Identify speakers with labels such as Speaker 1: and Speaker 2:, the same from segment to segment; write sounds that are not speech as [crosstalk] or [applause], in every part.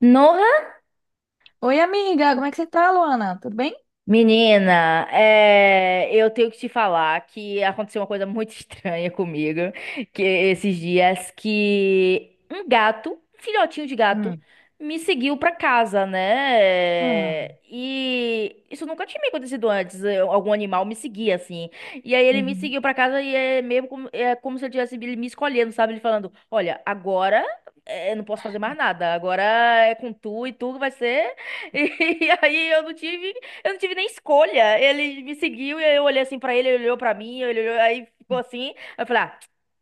Speaker 1: No.
Speaker 2: Oi, amiga, como é que você tá, Luana? Tudo bem?
Speaker 1: Menina, eu tenho que te falar que aconteceu uma coisa muito [laughs] estranha comigo, que esses dias que um gato, um filhotinho de gato,
Speaker 2: Hum.
Speaker 1: me seguiu pra casa,
Speaker 2: Ah,
Speaker 1: né? E isso nunca tinha me acontecido antes. Algum animal me seguia assim. E aí ele me
Speaker 2: uhum.
Speaker 1: seguiu pra casa e é como se eu tivesse ele me escolhendo, sabe? Ele falando: "Olha, agora eu não posso fazer mais nada. Agora é com tu e tu vai ser" [laughs] e aí eu não tive nem escolha. Ele me seguiu e eu olhei assim pra ele, ele olhou pra mim, ele olhou, aí ficou assim. Aí eu falei, ah,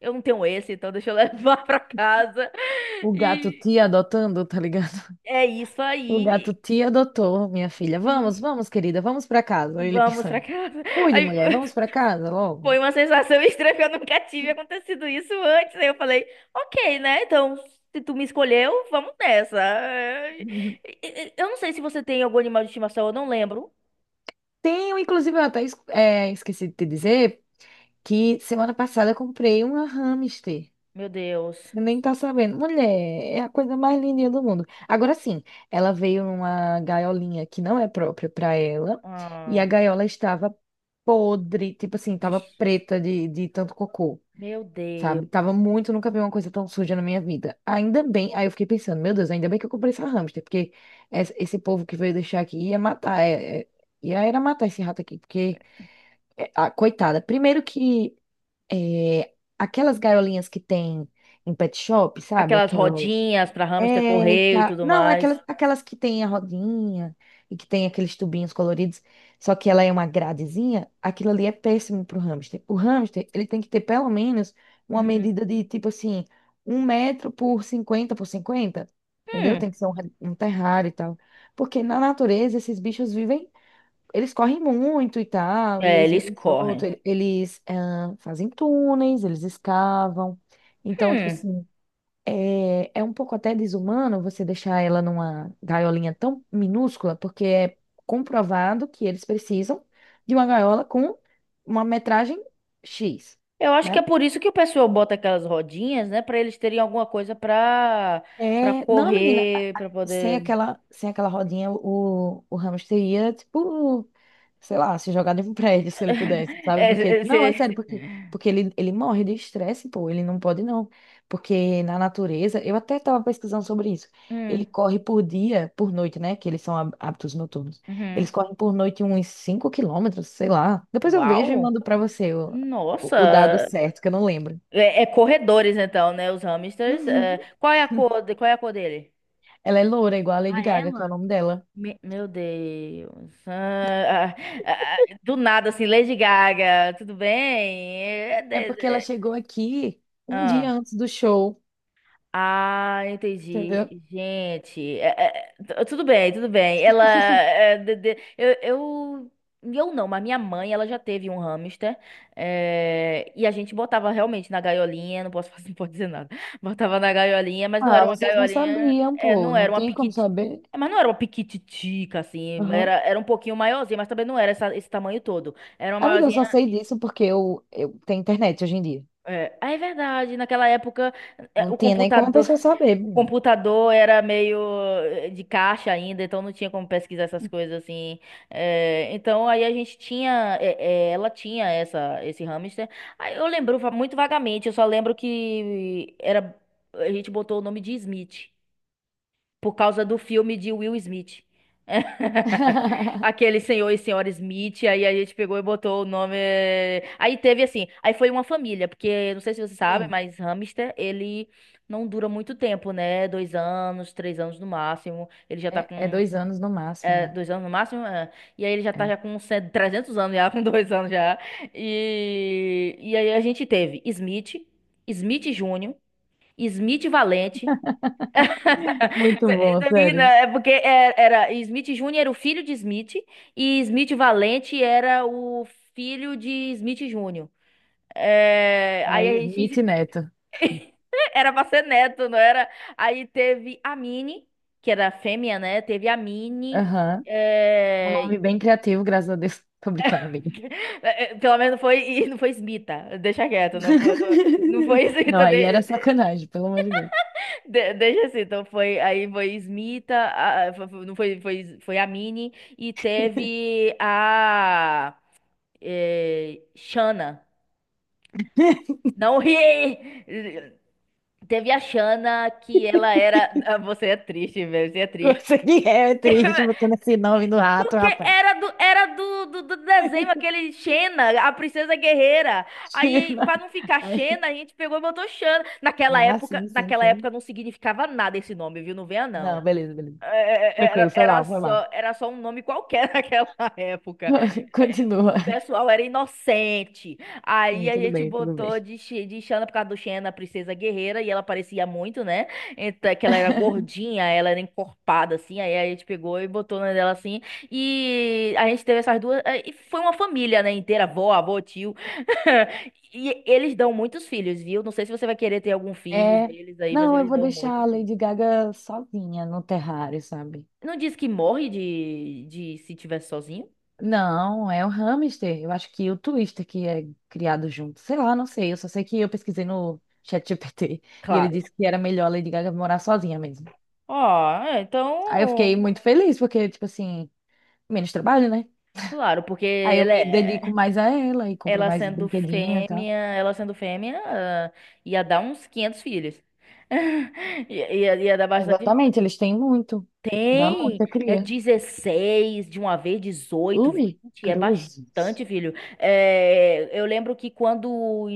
Speaker 1: eu não tenho esse, então deixa eu [laughs] levar pra casa.
Speaker 2: O gato
Speaker 1: E
Speaker 2: te adotando, tá ligado? [laughs]
Speaker 1: é isso
Speaker 2: O gato
Speaker 1: aí.
Speaker 2: te adotou, minha filha. Vamos, vamos, querida, vamos pra casa. Aí ele
Speaker 1: Vamos pra
Speaker 2: pensando.
Speaker 1: casa.
Speaker 2: Cuide,
Speaker 1: Aí
Speaker 2: mulher, vamos pra casa
Speaker 1: [laughs] foi
Speaker 2: logo.
Speaker 1: uma sensação estranha, porque eu nunca tive acontecido isso antes. Aí eu falei, ok, né? Então, se tu me escolheu, vamos nessa.
Speaker 2: Uhum.
Speaker 1: Eu não sei se você tem algum animal de estimação, eu não lembro.
Speaker 2: Tenho, inclusive, eu até esqueci de te dizer que semana passada eu comprei uma hamster.
Speaker 1: Meu Deus.
Speaker 2: Você nem tá sabendo. Mulher, é a coisa mais lindinha do mundo. Agora sim, ela veio numa gaiolinha que não é própria para ela, e a
Speaker 1: Ah,
Speaker 2: gaiola estava podre, tipo assim, tava
Speaker 1: vixe.
Speaker 2: preta de tanto cocô,
Speaker 1: Meu Deus.
Speaker 2: sabe? Tava muito, nunca vi uma coisa tão suja na minha vida. Ainda bem, aí eu fiquei pensando, meu Deus, ainda bem que eu comprei essa hamster, porque esse povo que veio deixar aqui ia matar, ia era matar esse rato aqui, porque, ah, coitada, primeiro que aquelas gaiolinhas que tem em pet shop, sabe?
Speaker 1: Aquelas
Speaker 2: Aquelas.
Speaker 1: rodinhas pra hamster correr e tudo
Speaker 2: Não,
Speaker 1: mais.
Speaker 2: aquelas que tem a rodinha e que tem aqueles tubinhos coloridos, só que ela é uma gradezinha, aquilo ali é péssimo pro hamster. O hamster, ele tem que ter pelo menos uma
Speaker 1: Hum.
Speaker 2: medida de tipo assim, 1 m por 50 por 50. Entendeu? Tem
Speaker 1: Hum,
Speaker 2: que ser um terrário e tal. Porque na natureza esses bichos vivem, eles correm muito e tal, e
Speaker 1: é,
Speaker 2: eles
Speaker 1: eles
Speaker 2: vivem solto,
Speaker 1: correm.
Speaker 2: eles fazem túneis, eles escavam. Então, tipo
Speaker 1: Hum,
Speaker 2: assim, é um pouco até desumano você deixar ela numa gaiolinha tão minúscula, porque é comprovado que eles precisam de uma gaiola com uma metragem X,
Speaker 1: eu acho que é
Speaker 2: né?
Speaker 1: por isso que o pessoal bota aquelas rodinhas, né? Pra eles terem alguma coisa pra, pra
Speaker 2: É, não, menina,
Speaker 1: correr, pra
Speaker 2: sem
Speaker 1: poder.
Speaker 2: aquela, sem aquela rodinha, o hamster ia, tipo, sei lá, se jogar de um prédio se ele pudesse,
Speaker 1: [laughs]
Speaker 2: sabe?
Speaker 1: É,
Speaker 2: Porque,
Speaker 1: é,
Speaker 2: não, é
Speaker 1: cê-
Speaker 2: sério, porque ele morre de estresse, pô, ele não pode não. Porque na natureza, eu até estava pesquisando sobre isso. Ele
Speaker 1: Hum,
Speaker 2: corre por dia, por noite, né? Que eles são hábitos noturnos.
Speaker 1: uhum.
Speaker 2: Eles correm por noite uns 5 km, sei lá. Depois eu vejo e
Speaker 1: Uau!
Speaker 2: mando pra você o dado
Speaker 1: Nossa!
Speaker 2: certo, que eu não lembro.
Speaker 1: É, é corredores, então, né? Os hamsters. É.
Speaker 2: Uhum.
Speaker 1: Qual é a cor, qual é a cor dele?
Speaker 2: Ela é loura, igual a Lady
Speaker 1: Ah, é?
Speaker 2: Gaga, que é o nome dela.
Speaker 1: Meu Deus. Ah, do nada, assim, Lady Gaga, tudo bem? É,
Speaker 2: É
Speaker 1: de-
Speaker 2: porque ela
Speaker 1: de-
Speaker 2: chegou aqui um dia
Speaker 1: Ah.
Speaker 2: antes do show,
Speaker 1: Ah, entendi.
Speaker 2: entendeu?
Speaker 1: Gente, tudo bem, tudo bem. Ela, eu não, mas minha mãe, ela já teve um hamster, é, e a gente botava realmente na gaiolinha, não posso, [laughs] não pode dizer nada. Botava na gaiolinha, mas não era
Speaker 2: Ah,
Speaker 1: uma
Speaker 2: vocês não
Speaker 1: gaiolinha,
Speaker 2: sabiam,
Speaker 1: é,
Speaker 2: pô.
Speaker 1: não era
Speaker 2: Não
Speaker 1: uma
Speaker 2: tem como
Speaker 1: piquiti,
Speaker 2: saber.
Speaker 1: é, mas não era uma piquititica assim, era,
Speaker 2: Aham.
Speaker 1: era um pouquinho maiorzinha, mas também não era esse tamanho todo. Era uma
Speaker 2: Amiga, eu só
Speaker 1: maiorzinha.
Speaker 2: sei disso porque eu tenho internet hoje em dia.
Speaker 1: É, ah, é verdade. Naquela época, é,
Speaker 2: Não
Speaker 1: o
Speaker 2: tinha nem como a
Speaker 1: computador.
Speaker 2: pessoa saber,
Speaker 1: O
Speaker 2: né?
Speaker 1: computador era meio de caixa ainda, então não tinha como pesquisar essas coisas assim. Então aí a gente tinha, ela tinha essa, esse hamster. Aí eu lembro muito vagamente, eu só lembro que era, a gente botou o nome de Smith por causa do filme de Will Smith. [laughs]
Speaker 2: [laughs]
Speaker 1: Aquele senhor e senhora Smith, aí a gente pegou e botou o nome. Aí teve assim, aí foi uma família, porque não sei se você sabe,
Speaker 2: Hum,
Speaker 1: mas hamster, ele não dura muito tempo, né? 2 anos, 3 anos no máximo. Ele já tá
Speaker 2: é
Speaker 1: com
Speaker 2: 2 anos no máximo, é.
Speaker 1: 2 anos no máximo, é. E aí ele já tá
Speaker 2: É.
Speaker 1: já com 100 300 anos, já [laughs] com 2 anos já. E aí a gente teve Smith, Smith Júnior, Smith Valente.
Speaker 2: Muito bom,
Speaker 1: Daí
Speaker 2: sério.
Speaker 1: né. É porque era Smith Jr. era o filho de Smith e Smith Valente era o filho de Smith Jr. É,
Speaker 2: É
Speaker 1: aí a
Speaker 2: Smith
Speaker 1: gente
Speaker 2: Neto.
Speaker 1: [laughs] era pra ser neto, não era? Aí teve a Minnie, que era fêmea, né? Teve a Minnie.
Speaker 2: Aham. Um
Speaker 1: é,
Speaker 2: nome bem criativo, graças a Deus. [laughs] Tô brincando, amiga.
Speaker 1: [laughs] é, pelo menos não foi, [laughs] e não foi Smita, deixa quieto, não foi, não, não
Speaker 2: [laughs]
Speaker 1: foi [laughs]
Speaker 2: Não,
Speaker 1: Smita.
Speaker 2: aí era sacanagem, pelo amor de Deus.
Speaker 1: Deixa assim, então foi, aí foi Smita, não foi, foi, foi a Mini e teve a Shana.
Speaker 2: [laughs]
Speaker 1: Não ri! Teve a Shana que ela era. Você é triste, velho, você é triste.
Speaker 2: Você que é triste botando esse nome no rato,
Speaker 1: Porque
Speaker 2: rapaz.
Speaker 1: era do, era do desenho
Speaker 2: [laughs]
Speaker 1: aquele Xena, a princesa guerreira. Aí, pra não ficar
Speaker 2: Aí-
Speaker 1: Xena, a gente pegou e botou Xana.
Speaker 2: Ah, sim, sim,
Speaker 1: Naquela
Speaker 2: sim.
Speaker 1: época não significava nada esse nome, viu? Não venha, não.
Speaker 2: Não, beleza, beleza. Tranquilo,
Speaker 1: Era,
Speaker 2: foi lá, foi lá.
Speaker 1: era só um nome qualquer [laughs] naquela época.
Speaker 2: [laughs]
Speaker 1: É, o
Speaker 2: Continua.
Speaker 1: pessoal era inocente. Aí
Speaker 2: Sim,
Speaker 1: a
Speaker 2: tudo
Speaker 1: gente
Speaker 2: bem, tudo bem.
Speaker 1: botou de, de Xana por causa do Xena, a princesa guerreira, e ela parecia muito, né? Então, é que ela era
Speaker 2: [laughs]
Speaker 1: gordinha, ela era encorpada, assim. Aí a gente pegou e botou na dela assim. E a gente teve essas duas. É, e foi uma família, né, inteira, avó, avô, tio. [laughs] E eles dão muitos filhos, viu? Não sei se você vai querer ter algum filho
Speaker 2: É,
Speaker 1: deles aí, mas
Speaker 2: não, eu
Speaker 1: eles
Speaker 2: vou
Speaker 1: dão
Speaker 2: deixar
Speaker 1: muito
Speaker 2: a
Speaker 1: filho.
Speaker 2: Lady Gaga sozinha no terrário, sabe?
Speaker 1: Não diz que morre de se tiver sozinho?
Speaker 2: Não, é o hamster. Eu acho que o Twister que é criado junto. Sei lá, não sei. Eu só sei que eu pesquisei no ChatGPT e ele
Speaker 1: Claro.
Speaker 2: disse que era melhor a Lady Gaga morar sozinha mesmo.
Speaker 1: Ah, é,
Speaker 2: Aí eu fiquei
Speaker 1: então.
Speaker 2: muito feliz, porque, tipo assim, menos trabalho, né?
Speaker 1: Claro, porque
Speaker 2: Aí eu
Speaker 1: ela,
Speaker 2: me dedico mais a ela e compro
Speaker 1: ela
Speaker 2: mais
Speaker 1: sendo
Speaker 2: brinquedinho e tal.
Speaker 1: fêmea, ah, ia dar uns 500 filhos. [laughs] Ia, ia dar bastante.
Speaker 2: Exatamente, eles têm muito. Dá
Speaker 1: Tem,
Speaker 2: muita
Speaker 1: é
Speaker 2: cria.
Speaker 1: 16 de uma vez, dezoito
Speaker 2: Ui,
Speaker 1: vinte é bastante,
Speaker 2: cruzes.
Speaker 1: filho. É, eu lembro que quando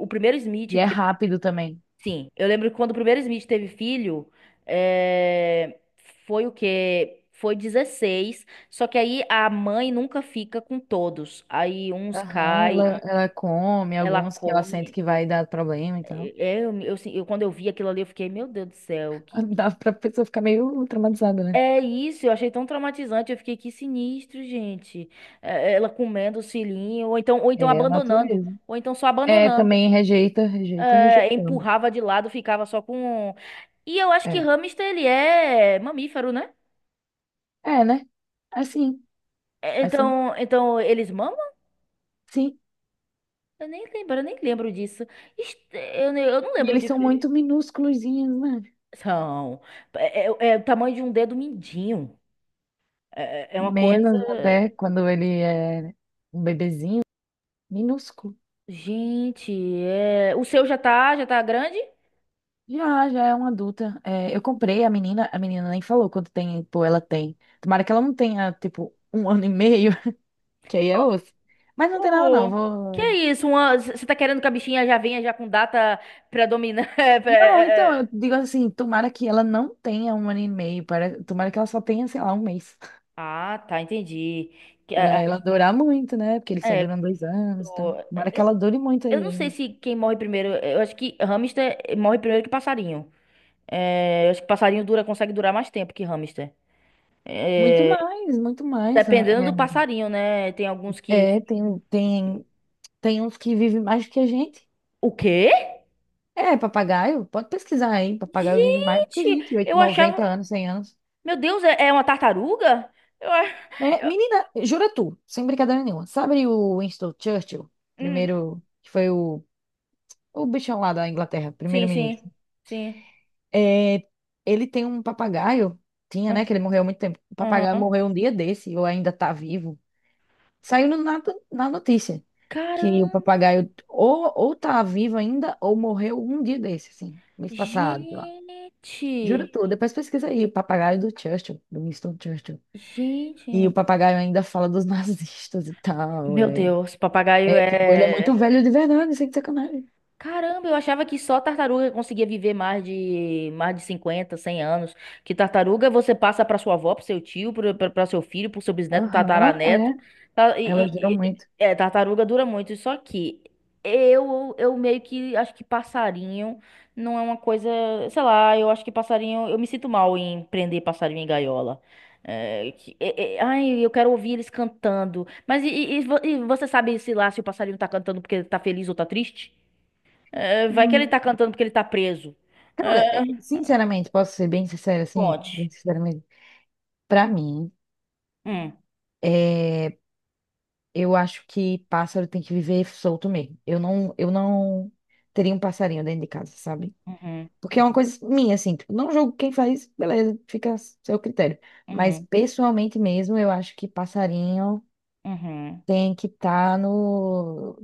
Speaker 1: o primeiro Smith.
Speaker 2: E é rápido também.
Speaker 1: Sim, eu lembro que quando o primeiro Smith teve filho, é, foi o quê? Foi 16. Só que aí a mãe nunca fica com todos. Aí uns
Speaker 2: Aham,
Speaker 1: cai,
Speaker 2: ela, ela come
Speaker 1: ela
Speaker 2: alguns que ela sente
Speaker 1: come.
Speaker 2: que vai dar problema e tal.
Speaker 1: É, é, assim, quando eu vi aquilo ali, eu fiquei, meu Deus do céu,
Speaker 2: [laughs] Dá pra pessoa ficar meio traumatizada, né?
Speaker 1: É isso, eu achei tão traumatizante, eu fiquei, que sinistro, gente. É, ela comendo o filhinho, ou então
Speaker 2: É a
Speaker 1: abandonando,
Speaker 2: natureza.
Speaker 1: ou então só
Speaker 2: É,
Speaker 1: abandonando.
Speaker 2: também rejeita, rejeita, rejeitando.
Speaker 1: Empurrava de lado, ficava só com um. E eu acho que
Speaker 2: É.
Speaker 1: hamster ele é mamífero, né?
Speaker 2: É, né? Assim,
Speaker 1: É,
Speaker 2: assim,
Speaker 1: então, então eles mamam?
Speaker 2: sim.
Speaker 1: Eu nem lembro disso. Eu não
Speaker 2: E
Speaker 1: lembro
Speaker 2: eles
Speaker 1: de.
Speaker 2: são muito minúsculozinhos, né?
Speaker 1: São. É, é o tamanho de um dedo mindinho. É, é uma coisa.
Speaker 2: Menos até quando ele é um bebezinho, minúsculo.
Speaker 1: Gente, é... o seu já tá grande?
Speaker 2: Já, já é uma adulta. É, eu comprei a menina nem falou quanto tempo ela tem. Tomara que ela não tenha, tipo, um [laughs] ano e meio, [laughs] que aí é osso. Mas não tem nada,
Speaker 1: Oh,
Speaker 2: não.
Speaker 1: que é
Speaker 2: Vou.
Speaker 1: isso? Uma... Você tá querendo que a bichinha já venha já com data predominante? [laughs] É,
Speaker 2: Não, então,
Speaker 1: é, é.
Speaker 2: eu digo assim, tomara que ela não tenha um ano e meio. Para... Tomara que ela só tenha, sei lá, um mês. [laughs]
Speaker 1: Ah, tá, entendi. Que- É, é,
Speaker 2: Para ela durar muito, né? Porque eles só
Speaker 1: é,
Speaker 2: duram 2 anos e tal.
Speaker 1: Ó,
Speaker 2: Tomara que
Speaker 1: Eu
Speaker 2: ela dure muito
Speaker 1: eu
Speaker 2: aí
Speaker 1: não sei
Speaker 2: ainda.
Speaker 1: se quem morre primeiro. Eu acho que hamster morre primeiro que passarinho. É, eu acho que passarinho dura, consegue durar mais tempo que hamster.
Speaker 2: Muito mais, muito mais, né?
Speaker 1: Dependendo do passarinho, né? Tem alguns que.
Speaker 2: É, tem uns que vivem mais do que a gente.
Speaker 1: O quê?
Speaker 2: É, papagaio, pode pesquisar aí, papagaio vive mais do que a
Speaker 1: Gente,
Speaker 2: gente, 8,
Speaker 1: eu
Speaker 2: 90
Speaker 1: achava.
Speaker 2: anos, 100 anos.
Speaker 1: Meu Deus, é, é uma tartaruga? Eu, a-
Speaker 2: É,
Speaker 1: eu-
Speaker 2: menina, jura tu, sem brincadeira nenhuma, sabe o Winston Churchill,
Speaker 1: hum,
Speaker 2: primeiro, que foi o bichão lá da Inglaterra,
Speaker 1: Sim,
Speaker 2: primeiro-ministro?
Speaker 1: sim, sim.
Speaker 2: É, ele tem um papagaio, tinha, né,
Speaker 1: Ah,
Speaker 2: que ele morreu há muito tempo, o papagaio
Speaker 1: aham.
Speaker 2: morreu um dia desse, ou ainda tá vivo, saiu na notícia, que o
Speaker 1: Caramba!
Speaker 2: papagaio ou tá vivo ainda, ou morreu um dia desse, assim, mês passado.
Speaker 1: Gente!
Speaker 2: Juro tudo, depois pesquisa aí, o papagaio do Churchill, do Winston Churchill. E o
Speaker 1: Gente!
Speaker 2: papagaio ainda fala dos [laughs] nazistas e tal,
Speaker 1: Meu
Speaker 2: é.
Speaker 1: Deus, papagaio
Speaker 2: É, tipo, ele é muito
Speaker 1: é.
Speaker 2: velho de verdade, sem sacanagem.
Speaker 1: Caramba, eu achava que só tartaruga conseguia viver mais de 50, 100 anos. Que tartaruga você passa para sua avó, para seu tio, para seu filho, para seu bisneto,
Speaker 2: Aham, é.
Speaker 1: tataraneto.
Speaker 2: Elas duram muito.
Speaker 1: É, tartaruga dura muito. Só que eu meio que acho que passarinho não é uma coisa, sei lá, eu acho que passarinho, eu me sinto mal em prender passarinho em gaiola. Ai, eu quero ouvir eles cantando. Mas e você sabe se lá se o passarinho tá cantando porque tá feliz ou tá triste? É, vai que ele
Speaker 2: Hum.
Speaker 1: tá cantando porque ele tá preso.
Speaker 2: Cara,
Speaker 1: É,
Speaker 2: é, sinceramente, posso ser bem sincera, assim,
Speaker 1: conte.
Speaker 2: bem sinceramente, pra mim,
Speaker 1: Hum,
Speaker 2: é, eu acho que pássaro tem que viver solto mesmo. Eu não teria um passarinho dentro de casa, sabe?
Speaker 1: uhum,
Speaker 2: Porque é uma
Speaker 1: uhum,
Speaker 2: coisa minha, assim, tipo, não julgo quem faz, beleza, fica a seu critério. Mas
Speaker 1: uhum,
Speaker 2: pessoalmente mesmo, eu acho que passarinho
Speaker 1: uhum.
Speaker 2: tem que estar no,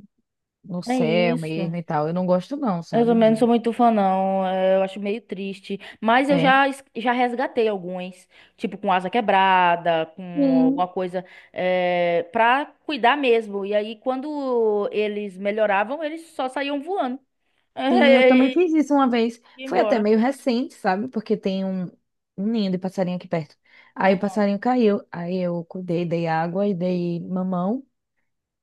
Speaker 2: no
Speaker 1: É
Speaker 2: céu
Speaker 1: isso.
Speaker 2: mesmo e tal. Eu não gosto, não,
Speaker 1: Eu
Speaker 2: sabe?
Speaker 1: também não
Speaker 2: De...
Speaker 1: sou muito fã, não. É, eu acho meio triste. Mas eu
Speaker 2: É.
Speaker 1: já, já resgatei alguns. Tipo, com asa quebrada, com alguma
Speaker 2: Sim,
Speaker 1: coisa. É, pra cuidar mesmo. E aí, quando eles melhoravam, eles só saíam voando. [laughs]
Speaker 2: sim, eu também
Speaker 1: E,
Speaker 2: fiz
Speaker 1: e-
Speaker 2: isso uma vez.
Speaker 1: ia
Speaker 2: Foi até
Speaker 1: embora.
Speaker 2: meio recente, sabe? Porque tem um ninho de passarinho aqui perto. Aí o passarinho caiu. Aí eu cuidei, dei água e dei mamão.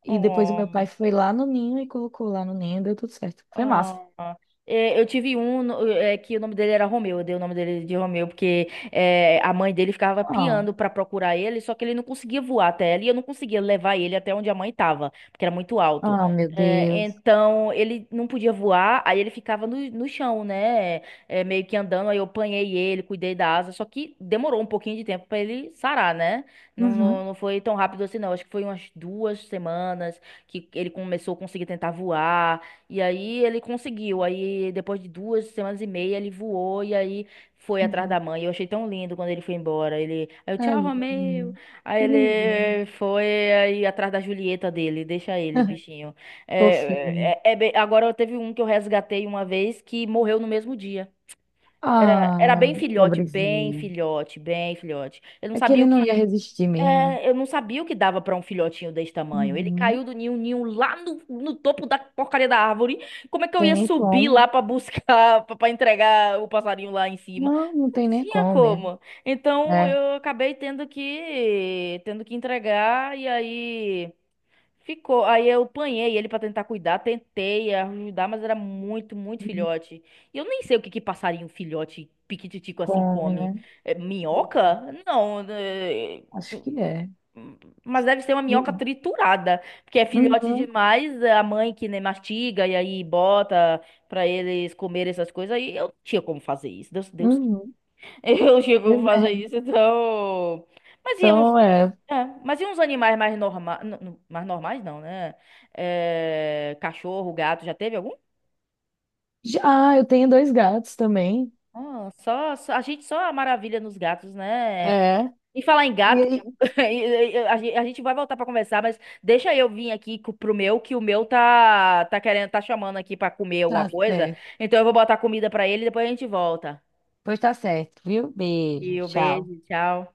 Speaker 2: E depois o meu
Speaker 1: Uhum.
Speaker 2: pai foi lá no ninho e colocou lá no ninho e deu tudo certo. Foi massa.
Speaker 1: Ah, é, eu tive um é, que o nome dele era Romeu, eu dei o nome dele de Romeu, porque é, a mãe dele ficava piando pra procurar ele, só que ele não conseguia voar até ela e eu não conseguia levar ele até onde a mãe tava, porque era muito alto.
Speaker 2: Oh, meu
Speaker 1: É,
Speaker 2: Deus.
Speaker 1: então ele não podia voar, aí ele ficava no chão, né? É, meio que andando, aí eu apanhei ele, cuidei da asa, só que demorou um pouquinho de tempo pra ele sarar, né? Não, não,
Speaker 2: Uhum,
Speaker 1: não foi tão rápido assim, não. Acho que foi umas 2 semanas que ele começou a conseguir tentar voar. E aí ele conseguiu. Aí depois de 2 semanas e meia ele voou e aí foi atrás da
Speaker 2: uhum.
Speaker 1: mãe. Eu achei tão lindo quando ele foi embora. Ele, aí eu, tchau,
Speaker 2: Tadinho.
Speaker 1: Romeu. Aí
Speaker 2: Que lindinho.
Speaker 1: ele foi aí atrás da Julieta dele. Deixa ele, bichinho.
Speaker 2: Fofinho.
Speaker 1: Agora teve um que eu resgatei uma vez que morreu no mesmo dia. Era,
Speaker 2: Ah, pobrezinho.
Speaker 1: bem filhote. Eu não
Speaker 2: É que
Speaker 1: sabia
Speaker 2: ele
Speaker 1: o
Speaker 2: não ia
Speaker 1: que.
Speaker 2: resistir mesmo, né?
Speaker 1: É, eu não sabia o que dava pra um filhotinho desse tamanho. Ele caiu
Speaker 2: Uhum.
Speaker 1: do ninho, o ninho lá no topo da porcaria da árvore. Como é que eu
Speaker 2: Tem
Speaker 1: ia
Speaker 2: nem
Speaker 1: subir
Speaker 2: como.
Speaker 1: lá pra buscar, [laughs] pra entregar o passarinho lá em cima?
Speaker 2: Não, não
Speaker 1: Não
Speaker 2: tem nem
Speaker 1: tinha
Speaker 2: como mesmo.
Speaker 1: como. Então
Speaker 2: É.
Speaker 1: eu acabei tendo que entregar e aí ficou. Aí eu apanhei ele pra tentar cuidar, tentei ajudar, mas era muito
Speaker 2: Uhum.
Speaker 1: filhote. E eu nem sei o que que passarinho filhote piquititico assim
Speaker 2: Come,
Speaker 1: come.
Speaker 2: né?
Speaker 1: É,
Speaker 2: Pois é.
Speaker 1: minhoca? Não, é.
Speaker 2: Acho que é.
Speaker 1: Mas deve ser uma minhoca
Speaker 2: Uhum,
Speaker 1: triturada, porque é filhote
Speaker 2: uhum.
Speaker 1: demais, é a mãe que nem mastiga e aí bota pra eles comerem essas coisas, aí eu não tinha como fazer isso, Deus,
Speaker 2: Uhum.
Speaker 1: [laughs] eu não tinha como
Speaker 2: Pois é.
Speaker 1: fazer isso, então... Mas e uns,
Speaker 2: Então, é.
Speaker 1: mas e uns animais mais normais não, né? É, cachorro, gato, já teve algum?
Speaker 2: Já, ah, eu tenho 2 gatos também.
Speaker 1: Ah, a gente só a maravilha nos gatos, né?
Speaker 2: É.
Speaker 1: E falar em
Speaker 2: E
Speaker 1: gato,
Speaker 2: aí?
Speaker 1: [laughs] a gente vai voltar pra conversar, mas deixa eu vir aqui pro meu, que o meu tá, tá querendo, tá chamando aqui pra comer alguma
Speaker 2: Tá
Speaker 1: coisa.
Speaker 2: certo.
Speaker 1: Então eu vou botar comida pra ele e depois a gente volta.
Speaker 2: Pois tá certo, viu? Beijo.
Speaker 1: E o
Speaker 2: Tchau.
Speaker 1: beijo, tchau.